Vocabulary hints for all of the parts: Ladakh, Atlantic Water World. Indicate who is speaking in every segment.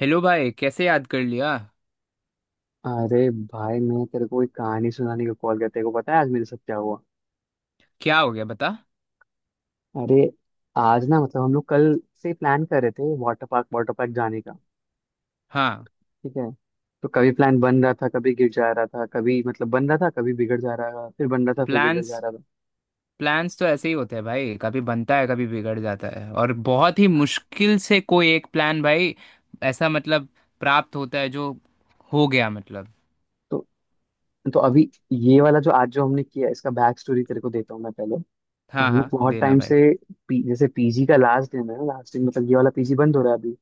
Speaker 1: Hello भाई, कैसे याद कर लिया?
Speaker 2: अरे भाई, मैं तेरे को एक कहानी सुनाने को कॉल करते को पता है आज मेरे साथ क्या हुआ।
Speaker 1: क्या हो गया, बता।
Speaker 2: अरे आज ना हम लोग कल से प्लान कर रहे थे वाटर पार्क जाने का।
Speaker 1: हाँ।
Speaker 2: ठीक है। तो कभी प्लान बन रहा था कभी गिर जा रहा था कभी मतलब बन रहा था कभी बिगड़ जा रहा था फिर बन रहा था फिर बिगड़ जा
Speaker 1: प्लान्स
Speaker 2: रहा था
Speaker 1: प्लान्स तो ऐसे ही होते हैं भाई, कभी बनता है, कभी बिगड़ जाता है, और बहुत ही मुश्किल से कोई एक प्लान भाई ऐसा मतलब प्राप्त होता है जो हो गया मतलब।
Speaker 2: तो तो अभी ये वाला जो आज जो हमने किया इसका बैक स्टोरी तेरे को देता हूँ मैं पहले। तो
Speaker 1: हाँ
Speaker 2: हम लोग
Speaker 1: हाँ,
Speaker 2: बहुत
Speaker 1: देना
Speaker 2: टाइम
Speaker 1: भाई।
Speaker 2: से जैसे पीजी का लास्ट दिन है ना। लास्ट दिन मतलब ये वाला पीजी बंद हो रहा है अभी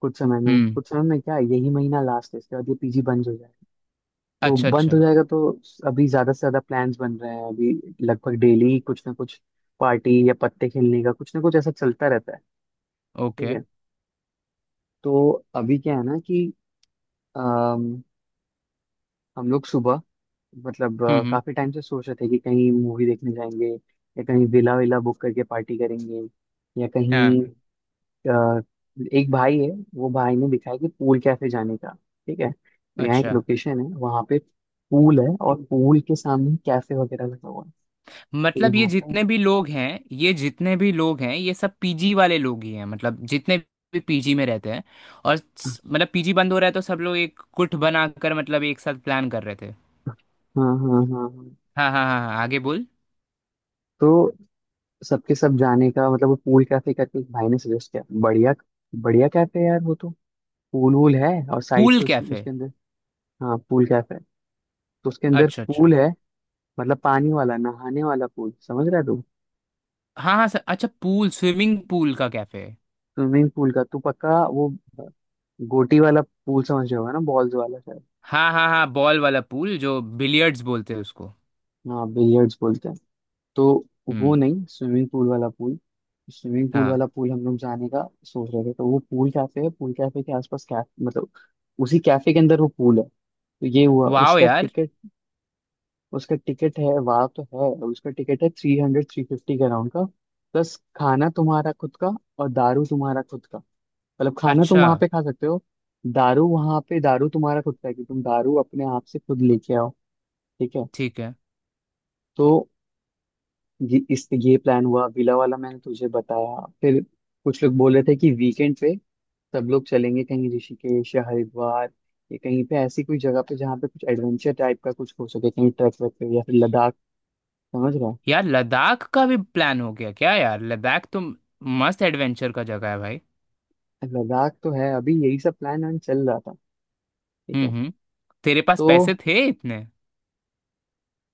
Speaker 2: कुछ समय में।
Speaker 1: हम्म।
Speaker 2: क्या यही महीना लास्ट है, इसके बाद ये पीजी बंद हो जाएगा। तो
Speaker 1: अच्छा
Speaker 2: बंद हो
Speaker 1: अच्छा।
Speaker 2: जाएगा तो अभी ज्यादा से ज्यादा प्लान्स बन रहे हैं अभी। लगभग डेली कुछ ना कुछ पार्टी या पत्ते खेलने का कुछ ना कुछ ऐसा चलता रहता है। ठीक
Speaker 1: ओके।
Speaker 2: है। तो अभी क्या है ना कि अम, हम लोग सुबह मतलब
Speaker 1: हम्म।
Speaker 2: काफी टाइम से सोच रहे थे कि कहीं मूवी देखने जाएंगे या कहीं विला विला बुक करके पार्टी करेंगे या कहीं
Speaker 1: हाँ।
Speaker 2: अ, एक भाई है। वो भाई ने दिखाया कि पूल कैफे जाने का। ठीक है। तो यहाँ एक
Speaker 1: अच्छा।
Speaker 2: लोकेशन है वहाँ पे पूल है और पूल के सामने कैफे वगैरह लगा हुआ है। तो
Speaker 1: मतलब ये
Speaker 2: यहाँ पे
Speaker 1: जितने भी लोग हैं, ये जितने भी लोग हैं, ये सब पीजी वाले लोग ही हैं, मतलब जितने भी पीजी में रहते हैं। और
Speaker 2: हाँ
Speaker 1: मतलब पीजी बंद हो रहा है तो सब लोग एक गुट बनाकर मतलब एक साथ प्लान कर रहे थे।
Speaker 2: हाँ हाँ हाँ।
Speaker 1: हाँ हाँ हाँ हाँ, आगे बोल।
Speaker 2: तो सबके सब जाने का मतलब वो पूल कैफे करके एक भाई ने सजेस्ट किया। बढ़िया बढ़िया कैफे है यार वो तो। पूल वूल है और साइड
Speaker 1: पूल
Speaker 2: से
Speaker 1: कैफे।
Speaker 2: उसके अंदर हाँ पूल कैफे है। तो उसके अंदर
Speaker 1: अच्छा अच्छा।
Speaker 2: पूल है, मतलब पानी वाला नहाने वाला पूल, समझ रहा है तू।
Speaker 1: हाँ हाँ सर, अच्छा पूल, स्विमिंग पूल का कैफे।
Speaker 2: स्विमिंग पूल का तू पक्का वो गोटी वाला पूल समझ रहा होगा ना, बॉल्स वाला शायद।
Speaker 1: हाँ हाँ हाँ, बॉल वाला पूल जो बिलियर्ड्स बोलते हैं उसको।
Speaker 2: हाँ बिलियर्ड्स बोलते हैं। तो वो
Speaker 1: हम्म।
Speaker 2: नहीं, स्विमिंग पूल वाला पूल। स्विमिंग पूल
Speaker 1: हाँ।
Speaker 2: वाला पूल हम लोग जाने का सोच रहे थे। तो वो पूल कैफे है। पूल कैफे के आसपास कैफ मतलब उसी कैफे के अंदर वो पूल है। तो ये हुआ
Speaker 1: वाह
Speaker 2: उसका
Speaker 1: यार।
Speaker 2: टिकट। उसका टिकट है वहाँ तो है। उसका टिकट है थ्री हंड्रेड थ्री फिफ्टी के अराउंड का, प्लस खाना तुम्हारा खुद का और दारू तुम्हारा खुद का। मतलब खाना तुम
Speaker 1: अच्छा।
Speaker 2: वहाँ पे खा सकते हो, दारू वहाँ पे दारू तुम्हारा खुद का है कि तुम दारू अपने आप से खुद लेके आओ। ठीक है।
Speaker 1: ठीक है।
Speaker 2: तो ये इस ये प्लान हुआ विला वाला मैंने तुझे बताया। फिर कुछ लोग बोल रहे थे कि वीकेंड पे सब लोग चलेंगे कहीं ऋषिकेश या हरिद्वार या कहीं पे ऐसी कोई जगह पे जहाँ पे कुछ एडवेंचर टाइप का कुछ हो सके। कहीं ट्रैक व्रैक पे या फिर लद्दाख, समझ रहा
Speaker 1: यार लद्दाख का भी प्लान हो गया क्या? यार लद्दाख तो मस्त एडवेंचर का जगह है भाई।
Speaker 2: है। लद्दाख तो है, अभी यही सब प्लान वैन चल रहा था। ठीक है।
Speaker 1: हम्म। तेरे पास
Speaker 2: तो
Speaker 1: पैसे थे इतने?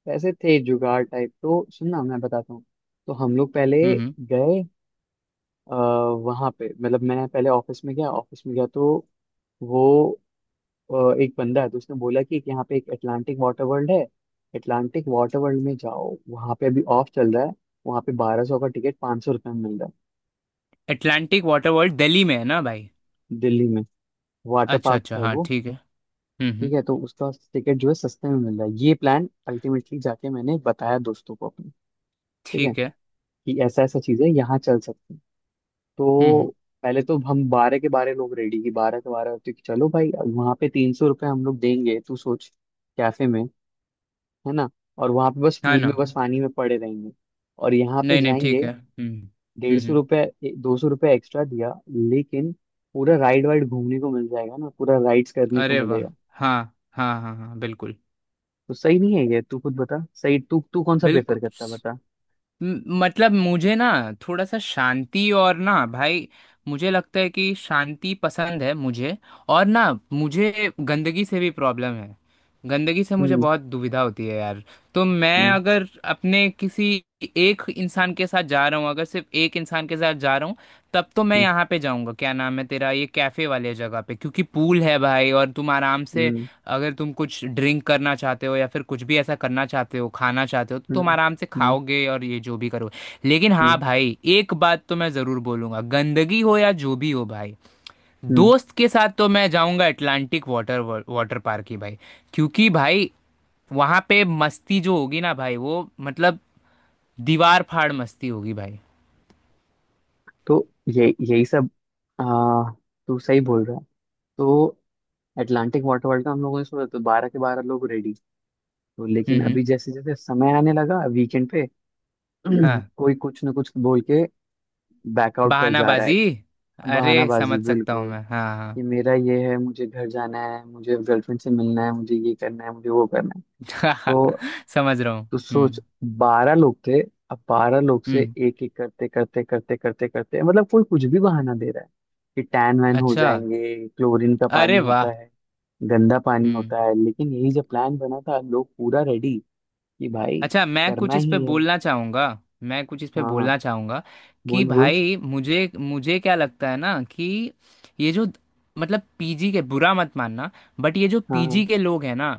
Speaker 2: पैसे थे जुगाड़ टाइप, तो सुनना मैं बताता हूँ। तो हम लोग पहले
Speaker 1: हम्म।
Speaker 2: गए आ, वहाँ पे मतलब मैं पहले ऑफिस में गया। ऑफिस में गया तो वो एक बंदा है तो उसने बोला कि एक यहाँ पे एक अटलांटिक वाटर वर्ल्ड है। अटलांटिक वाटर वर्ल्ड में जाओ, वहाँ पे अभी ऑफ चल रहा है। वहाँ पे 1200 का टिकट 500 रुपये में मिल रहा
Speaker 1: अटलांटिक वाटर वर्ल्ड दिल्ली में है ना भाई?
Speaker 2: है। दिल्ली में वाटर
Speaker 1: अच्छा
Speaker 2: पार्क
Speaker 1: अच्छा,
Speaker 2: है
Speaker 1: हाँ
Speaker 2: वो।
Speaker 1: ठीक है। हम्म।
Speaker 2: ठीक है। तो उसका टिकट जो है सस्ते में मिल रहा है ये प्लान अल्टीमेटली जाके मैंने बताया दोस्तों को अपने। ठीक है।
Speaker 1: ठीक है।
Speaker 2: कि ऐसा ऐसा चीज़ है यहाँ चल सकते हैं।
Speaker 1: हम्म।
Speaker 2: तो पहले तो हम 12 के 12 लोग रेडी कि 12 के 12 तो, कि चलो भाई अब वहाँ पे 300 रुपये हम लोग देंगे तू सोच, कैफे में, है ना, और वहां पे बस
Speaker 1: हाँ
Speaker 2: पूल में
Speaker 1: ना।
Speaker 2: बस पानी में पड़े रहेंगे। और यहाँ पे
Speaker 1: नहीं नहीं, ठीक
Speaker 2: जाएंगे
Speaker 1: है।
Speaker 2: डेढ़
Speaker 1: हम्म।
Speaker 2: सौ
Speaker 1: हम्म।
Speaker 2: रुपये दो सौ रुपये एक्स्ट्रा दिया लेकिन पूरा राइड वाइड घूमने को मिल जाएगा ना, पूरा राइड्स करने को
Speaker 1: अरे वाह।
Speaker 2: मिलेगा।
Speaker 1: हाँ। हाँ हाँ हाँ, बिल्कुल।
Speaker 2: तो सही नहीं है ये, तू खुद बता सही, तू तू कौन सा प्रेफर
Speaker 1: बिल्कुल।
Speaker 2: करता बता।
Speaker 1: मतलब मुझे ना, थोड़ा सा शांति और ना भाई, मुझे लगता है कि शांति पसंद है मुझे। और ना, मुझे गंदगी से भी प्रॉब्लम है, गंदगी से मुझे
Speaker 2: हम्म
Speaker 1: बहुत दुविधा होती है यार। तो मैं
Speaker 2: हम्म
Speaker 1: अगर अपने किसी एक इंसान के साथ जा रहा हूँ, अगर सिर्फ एक इंसान के साथ जा रहा हूँ, तब तो मैं
Speaker 2: हम्म
Speaker 1: यहाँ पे जाऊँगा, क्या नाम है तेरा ये कैफे वाले जगह पे, क्योंकि पूल है भाई और तुम आराम से।
Speaker 2: हम्म
Speaker 1: अगर तुम कुछ ड्रिंक करना चाहते हो या फिर कुछ भी ऐसा करना चाहते हो, खाना चाहते हो, तो तुम
Speaker 2: हम्म
Speaker 1: आराम से
Speaker 2: हम्म
Speaker 1: खाओगे और ये जो भी करोगे, लेकिन हाँ
Speaker 2: हम्म,
Speaker 1: भाई एक बात तो मैं ज़रूर बोलूंगा, गंदगी हो या जो भी हो भाई।
Speaker 2: हम्म।
Speaker 1: दोस्त के साथ तो मैं जाऊंगा अटलांटिक वाटर वाटर पार्क ही भाई। क्योंकि भाई वहाँ पे मस्ती जो होगी ना भाई, वो मतलब दीवार फाड़ मस्ती होगी भाई।
Speaker 2: तो ये यही सब आ, तू सही बोल रहा है। तो अटलांटिक वाटर वर्ल्ड का हम लोगों ने सोचा तो 12 के 12 लोग रेडी। तो लेकिन
Speaker 1: हम्म।
Speaker 2: अभी जैसे जैसे समय आने लगा वीकेंड पे
Speaker 1: हाँ।
Speaker 2: कोई कुछ ना कुछ बोल के बैकआउट कर जा रहा
Speaker 1: बहानाबाजी।
Speaker 2: है।
Speaker 1: अरे
Speaker 2: बहानाबाजी
Speaker 1: समझ सकता हूँ
Speaker 2: बिल्कुल।
Speaker 1: मैं। हाँ।
Speaker 2: कि मेरा ये है, मुझे घर जाना है, मुझे गर्लफ्रेंड से मिलना है, मुझे ये करना है, मुझे वो करना है।
Speaker 1: हाँ
Speaker 2: तो
Speaker 1: समझ रहा हूँ।
Speaker 2: तो सोच,
Speaker 1: हम्म।
Speaker 2: 12 लोग थे। अब 12 लोग से
Speaker 1: हम्म।
Speaker 2: एक एक करते करते करते करते करते मतलब कोई कुछ भी बहाना दे रहा है कि टैन वैन हो
Speaker 1: अच्छा।
Speaker 2: जाएंगे, क्लोरीन का
Speaker 1: अरे
Speaker 2: पानी
Speaker 1: वाह।
Speaker 2: होता है, गंदा पानी
Speaker 1: हम्म।
Speaker 2: होता है। लेकिन यही जब प्लान बना था लोग पूरा रेडी कि भाई।
Speaker 1: अच्छा, मैं
Speaker 2: करना
Speaker 1: कुछ इस पे
Speaker 2: ही है
Speaker 1: बोलना चाहूंगा। मैं कुछ इस पे
Speaker 2: हाँ
Speaker 1: बोलना चाहूंगा, कि
Speaker 2: बोल बोल।
Speaker 1: भाई मुझे मुझे क्या लगता है ना, कि ये जो मतलब पीजी के, बुरा मत मानना, बट ये जो पीजी
Speaker 2: हाँ
Speaker 1: के लोग हैं ना,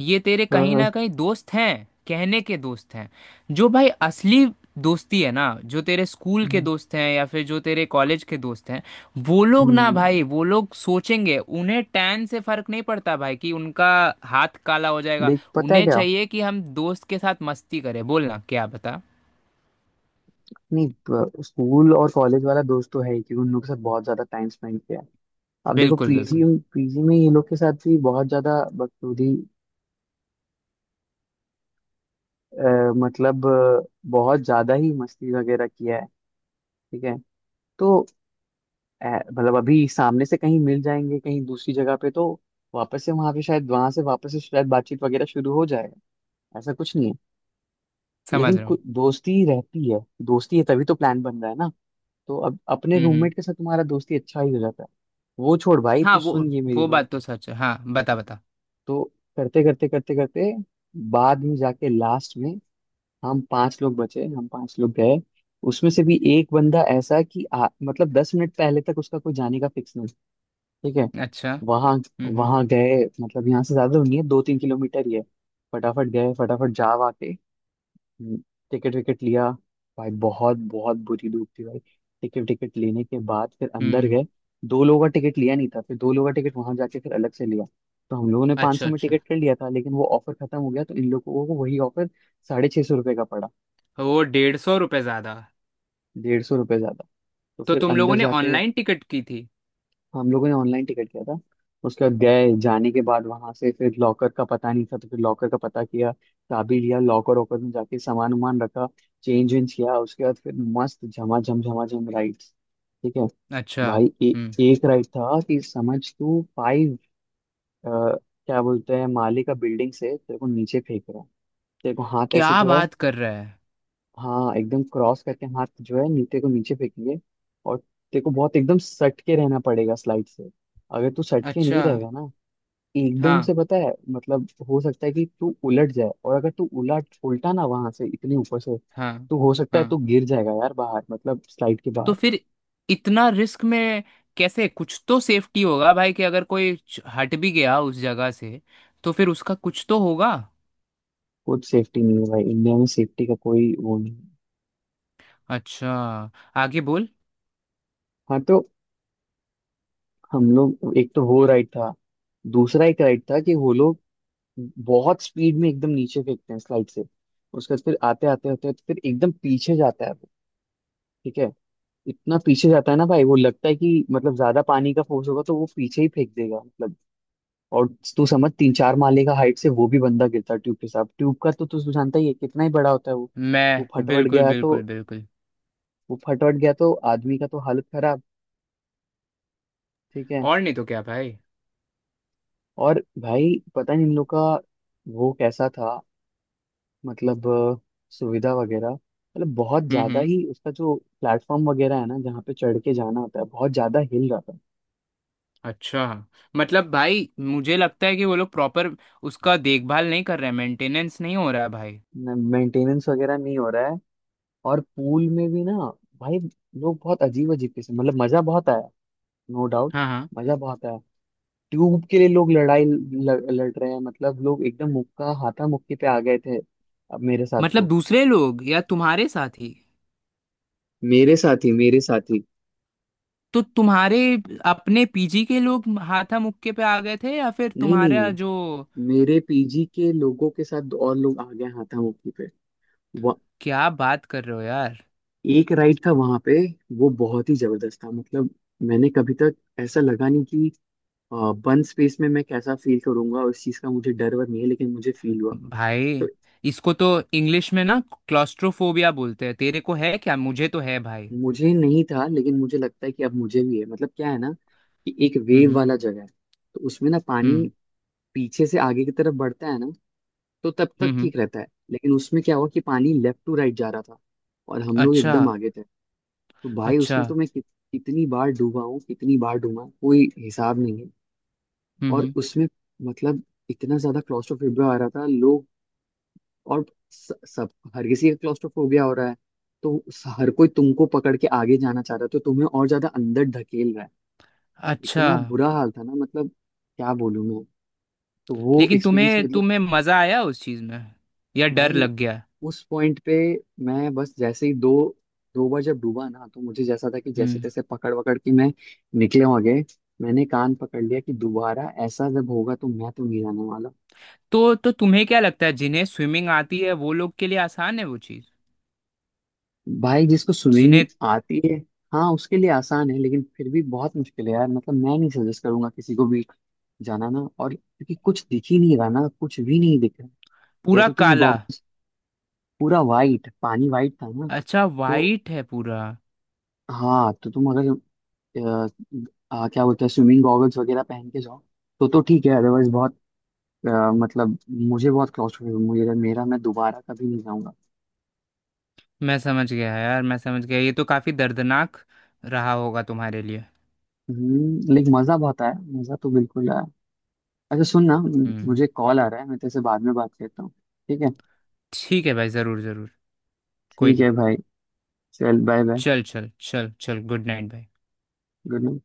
Speaker 1: ये तेरे कहीं ना कहीं दोस्त हैं, कहने के दोस्त हैं। जो भाई असली दोस्ती है ना, जो तेरे स्कूल के
Speaker 2: हाँ
Speaker 1: दोस्त हैं या फिर जो तेरे कॉलेज के दोस्त हैं, वो लोग ना भाई,
Speaker 2: हम्म,
Speaker 1: वो लोग सोचेंगे उन्हें टैन से फर्क नहीं पड़ता भाई कि उनका हाथ काला हो जाएगा।
Speaker 2: देख पता है
Speaker 1: उन्हें
Speaker 2: क्या।
Speaker 1: चाहिए कि हम दोस्त के साथ मस्ती करें। बोलना क्या, बता।
Speaker 2: नहीं स्कूल और कॉलेज वाला दोस्त तो है ही क्योंकि उन लोग के साथ बहुत ज्यादा टाइम स्पेंड किया है। अब देखो
Speaker 1: बिल्कुल
Speaker 2: पीजी,
Speaker 1: बिल्कुल।
Speaker 2: पीजी में ये लोग के साथ भी बहुत ज्यादा, बखूबी, अ, मतलब अ, बहुत ज्यादा ही मस्ती वगैरह किया है। ठीक है। तो अ, मतलब अभी सामने से कहीं मिल जाएंगे कहीं दूसरी जगह पे, तो वापस से वहां पे शायद वहां से वापस से शायद बातचीत वगैरह शुरू हो जाएगा। ऐसा कुछ नहीं है।
Speaker 1: समझ
Speaker 2: लेकिन
Speaker 1: रहा हूँ।
Speaker 2: दोस्ती रहती है। दोस्ती है तभी तो प्लान बन रहा है ना। तो अब अपने
Speaker 1: हम्म।
Speaker 2: रूममेट के साथ तुम्हारा दोस्ती अच्छा ही हो जाता है। वो छोड़ भाई,
Speaker 1: हाँ
Speaker 2: तू
Speaker 1: वो
Speaker 2: सुन ये मेरी
Speaker 1: वो
Speaker 2: बात।
Speaker 1: बात तो सच है। हाँ, बता बता।
Speaker 2: तो करते करते करते करते बाद में जाके लास्ट में हम 5 लोग बचे। हम पांच लोग गए। उसमें से भी एक बंदा ऐसा कि मतलब 10 मिनट पहले तक उसका कोई जाने का फिक्स नहीं। ठीक है।
Speaker 1: अच्छा।
Speaker 2: वहां
Speaker 1: हम्म।
Speaker 2: वहां गए, मतलब यहाँ से ज्यादा नहीं है, 2 3 किलोमीटर ही है। फटाफट गए, फटाफट जा वाके टिकट विकेट लिया। भाई बहुत बहुत बुरी धूप थी भाई। टिकट विकेट लेने के बाद फिर
Speaker 1: हम्म।
Speaker 2: अंदर
Speaker 1: हम्म।
Speaker 2: गए। दो लोगों का टिकट लिया नहीं था, फिर दो लोगों का टिकट वहां जाके फिर अलग से लिया। तो हम लोगों ने 500
Speaker 1: अच्छा
Speaker 2: सौ में
Speaker 1: अच्छा।
Speaker 2: टिकट कर लिया था लेकिन वो ऑफर खत्म हो गया तो इन लोगों को वही ऑफर 650 रुपये का पड़ा।
Speaker 1: वो 150 रुपये ज्यादा।
Speaker 2: 150 रुपये ज्यादा। तो
Speaker 1: तो
Speaker 2: फिर
Speaker 1: तुम
Speaker 2: अंदर
Speaker 1: लोगों ने
Speaker 2: जाके,
Speaker 1: ऑनलाइन टिकट की थी?
Speaker 2: हम लोगों ने ऑनलाइन टिकट किया था, उसके बाद गए, जाने के बाद वहां से फिर लॉकर का पता नहीं था तो फिर लॉकर का पता किया, चाबी लिया, लॉकर वॉकर में जाके सामान वामान रखा, चेंज वेंज किया। उसके बाद फिर मस्त झमाझम झमाझम राइड। ठीक है।
Speaker 1: अच्छा।
Speaker 2: भाई
Speaker 1: हम्म।
Speaker 2: एक राइड था कि समझ तू फाइव, क्या बोलते हैं, माले का बिल्डिंग से तेरे को नीचे फेंक रहा है। तेरे को हाथ
Speaker 1: क्या
Speaker 2: ऐसे जो है,
Speaker 1: बात कर रहा है!
Speaker 2: हाँ एकदम क्रॉस करके हाथ जो है नीचे को नीचे फेंकेंगे। और तेरे को बहुत एकदम सट के रहना पड़ेगा स्लाइड से। अगर तू सट के नहीं
Speaker 1: अच्छा।
Speaker 2: रहेगा ना, एकदम
Speaker 1: हाँ
Speaker 2: से पता है मतलब हो सकता है कि तू उलट जाए, और अगर तू उलट उल्टा ना वहां से इतने ऊपर से
Speaker 1: हाँ
Speaker 2: तो हो सकता है
Speaker 1: हाँ।
Speaker 2: तू गिर जाएगा यार बाहर मतलब स्लाइड के
Speaker 1: तो
Speaker 2: बाहर।
Speaker 1: फिर इतना रिस्क में कैसे, कुछ तो सेफ्टी होगा भाई, कि अगर कोई हट भी गया उस जगह से, तो फिर उसका कुछ तो होगा।
Speaker 2: कुछ सेफ्टी नहीं है भाई, इंडिया में सेफ्टी का कोई वो नहीं है।
Speaker 1: अच्छा, आगे बोल।
Speaker 2: हाँ तो हम लोग एक तो वो राइड था। दूसरा एक राइड था कि वो लोग बहुत स्पीड में एकदम नीचे फेंकते हैं स्लाइड से। उसके बाद फिर आते आते होते हैं तो फिर एकदम पीछे जाता है वो। ठीक है। इतना पीछे जाता है ना भाई, वो लगता है कि मतलब ज्यादा पानी का फोर्स होगा तो वो पीछे ही फेंक देगा मतलब। और तू समझ 3 4 माले का हाइट से वो भी बंदा गिरता है ट्यूब के साथ। ट्यूब का तो तू जानता ही है कितना ही बड़ा होता है वो। वो
Speaker 1: मैं
Speaker 2: फटवट
Speaker 1: बिल्कुल
Speaker 2: गया तो
Speaker 1: बिल्कुल बिल्कुल।
Speaker 2: वो फटवट गया तो आदमी का तो हालत खराब। ठीक है।
Speaker 1: और नहीं तो क्या भाई।
Speaker 2: और भाई पता नहीं इन लोग का वो कैसा था मतलब सुविधा वगैरह मतलब बहुत ज़्यादा
Speaker 1: हम्म।
Speaker 2: ही उसका जो प्लेटफॉर्म वगैरह है ना जहाँ पे चढ़ के जाना होता है बहुत ज़्यादा हिल जाता
Speaker 1: अच्छा। मतलब भाई मुझे लगता है कि वो लोग प्रॉपर उसका देखभाल नहीं कर रहे हैं, मेंटेनेंस नहीं हो रहा है भाई।
Speaker 2: है। मेंटेनेंस वगैरह नहीं हो रहा है। और पूल में भी ना भाई लोग बहुत अजीब अजीब किस्म, मतलब मज़ा बहुत आया नो डाउट,
Speaker 1: हाँ हाँ।
Speaker 2: मज़ा बहुत आया। ट्यूब के लिए लोग लड़ाई लड़ रहे हैं मतलब लोग एकदम मुक्का हाथा मुक्की पे आ गए थे। अब मेरे साथ
Speaker 1: मतलब
Speaker 2: तो,
Speaker 1: दूसरे लोग या तुम्हारे साथी?
Speaker 2: मेरे साथ ही,
Speaker 1: तो तुम्हारे अपने पीजी के लोग हाथा मुक्के पे आ गए थे या फिर
Speaker 2: नहीं
Speaker 1: तुम्हारा
Speaker 2: नहीं,
Speaker 1: जो।
Speaker 2: मेरे पीजी के लोगों के साथ और लोग आ गए हाथा मुक्की पे।
Speaker 1: क्या बात कर रहे हो यार!
Speaker 2: एक राइड था वहां पे वो बहुत ही जबरदस्त था मतलब। मैंने कभी तक ऐसा लगा नहीं कि बंद स्पेस में मैं कैसा फील करूंगा, उस चीज का मुझे डर वर नहीं है, लेकिन मुझे फील हुआ। तो
Speaker 1: भाई इसको तो इंग्लिश में ना क्लॉस्ट्रोफोबिया बोलते हैं, तेरे को है क्या? मुझे तो है भाई।
Speaker 2: मुझे नहीं था लेकिन मुझे लगता है कि अब मुझे भी है। मतलब क्या है ना कि एक
Speaker 1: हम्म
Speaker 2: वेव
Speaker 1: हम्म।
Speaker 2: वाला जगह है। तो उसमें ना पानी
Speaker 1: हम्म
Speaker 2: पीछे से आगे की तरफ बढ़ता है ना, तो तब
Speaker 1: हम्म।
Speaker 2: तक
Speaker 1: हम्म।
Speaker 2: ठीक रहता है। लेकिन उसमें क्या हुआ कि पानी लेफ्ट टू राइट जा रहा था और हम लोग
Speaker 1: अच्छा।
Speaker 2: एकदम आगे थे। तो भाई
Speaker 1: अच्छा।
Speaker 2: उसमें तो मैं कितनी बार डूबा हूँ, कितनी बार डूबा कोई हिसाब नहीं है।
Speaker 1: हम्म।
Speaker 2: और उसमें मतलब इतना ज्यादा क्लॉस्ट्रोफोबिया आ रहा था लोग। और सब हर किसी का क्लॉस्ट्रोफोबिया हो रहा है तो हर कोई तुमको पकड़ के आगे जाना चाह रहा है तो तुम्हें और ज्यादा अंदर ढकेल रहा है।
Speaker 1: अच्छा।
Speaker 2: इतना बुरा हाल था ना मतलब, क्या बोलूं मैं। तो वो
Speaker 1: लेकिन
Speaker 2: एक्सपीरियंस
Speaker 1: तुम्हें
Speaker 2: मतलब,
Speaker 1: तुम्हें मजा आया उस चीज में या डर
Speaker 2: भाई
Speaker 1: लग गया?
Speaker 2: उस पॉइंट पे मैं बस जैसे ही दो दो बार जब डूबा ना तो मुझे जैसा था कि जैसे
Speaker 1: हम्म।
Speaker 2: तैसे पकड़ वकड़ के मैं निकले आगे। मैंने कान पकड़ लिया कि दोबारा ऐसा जब होगा तो मैं तो नहीं जाने वाला।
Speaker 1: तो तुम्हें क्या लगता है जिन्हें स्विमिंग आती है वो लोग के लिए आसान है वो चीज?
Speaker 2: भाई जिसको
Speaker 1: जिन्हें।
Speaker 2: स्विमिंग आती है हाँ उसके लिए आसान है, लेकिन फिर भी बहुत मुश्किल है यार, मतलब मैं नहीं सजेस्ट करूंगा किसी को भी जाना ना। और क्योंकि कुछ दिख ही नहीं रहा ना, कुछ भी नहीं दिख रहा, या
Speaker 1: पूरा
Speaker 2: तो तुम
Speaker 1: काला।
Speaker 2: गॉगल्स, पूरा वाइट पानी वाइट था ना।
Speaker 1: अच्छा
Speaker 2: तो
Speaker 1: वाइट है पूरा।
Speaker 2: हाँ तो तुम अगर अ, क्या बोलते हैं स्विमिंग गॉगल्स वगैरह पहन के जाओ तो ठीक है, अदरवाइज बहुत मतलब मुझे बहुत क्लॉस्ट्रोफोबिक, मुझे मेरा मैं दोबारा कभी नहीं जाऊंगा।
Speaker 1: मैं समझ गया यार, मैं समझ गया, ये तो काफी दर्दनाक रहा होगा तुम्हारे लिए।
Speaker 2: लेकिन मजा बहुत आया, मजा तो बिल्कुल आया। अच्छा सुन ना,
Speaker 1: हम्म।
Speaker 2: मुझे कॉल आ रहा है, मैं तेरे से बाद में बात करता हूँ। ठीक है।
Speaker 1: ठीक है भाई, जरूर जरूर। कोई
Speaker 2: ठीक
Speaker 1: नहीं।
Speaker 2: है भाई। चल बाय बाय।
Speaker 1: चल चल चल चल, गुड नाइट भाई।
Speaker 2: Good night.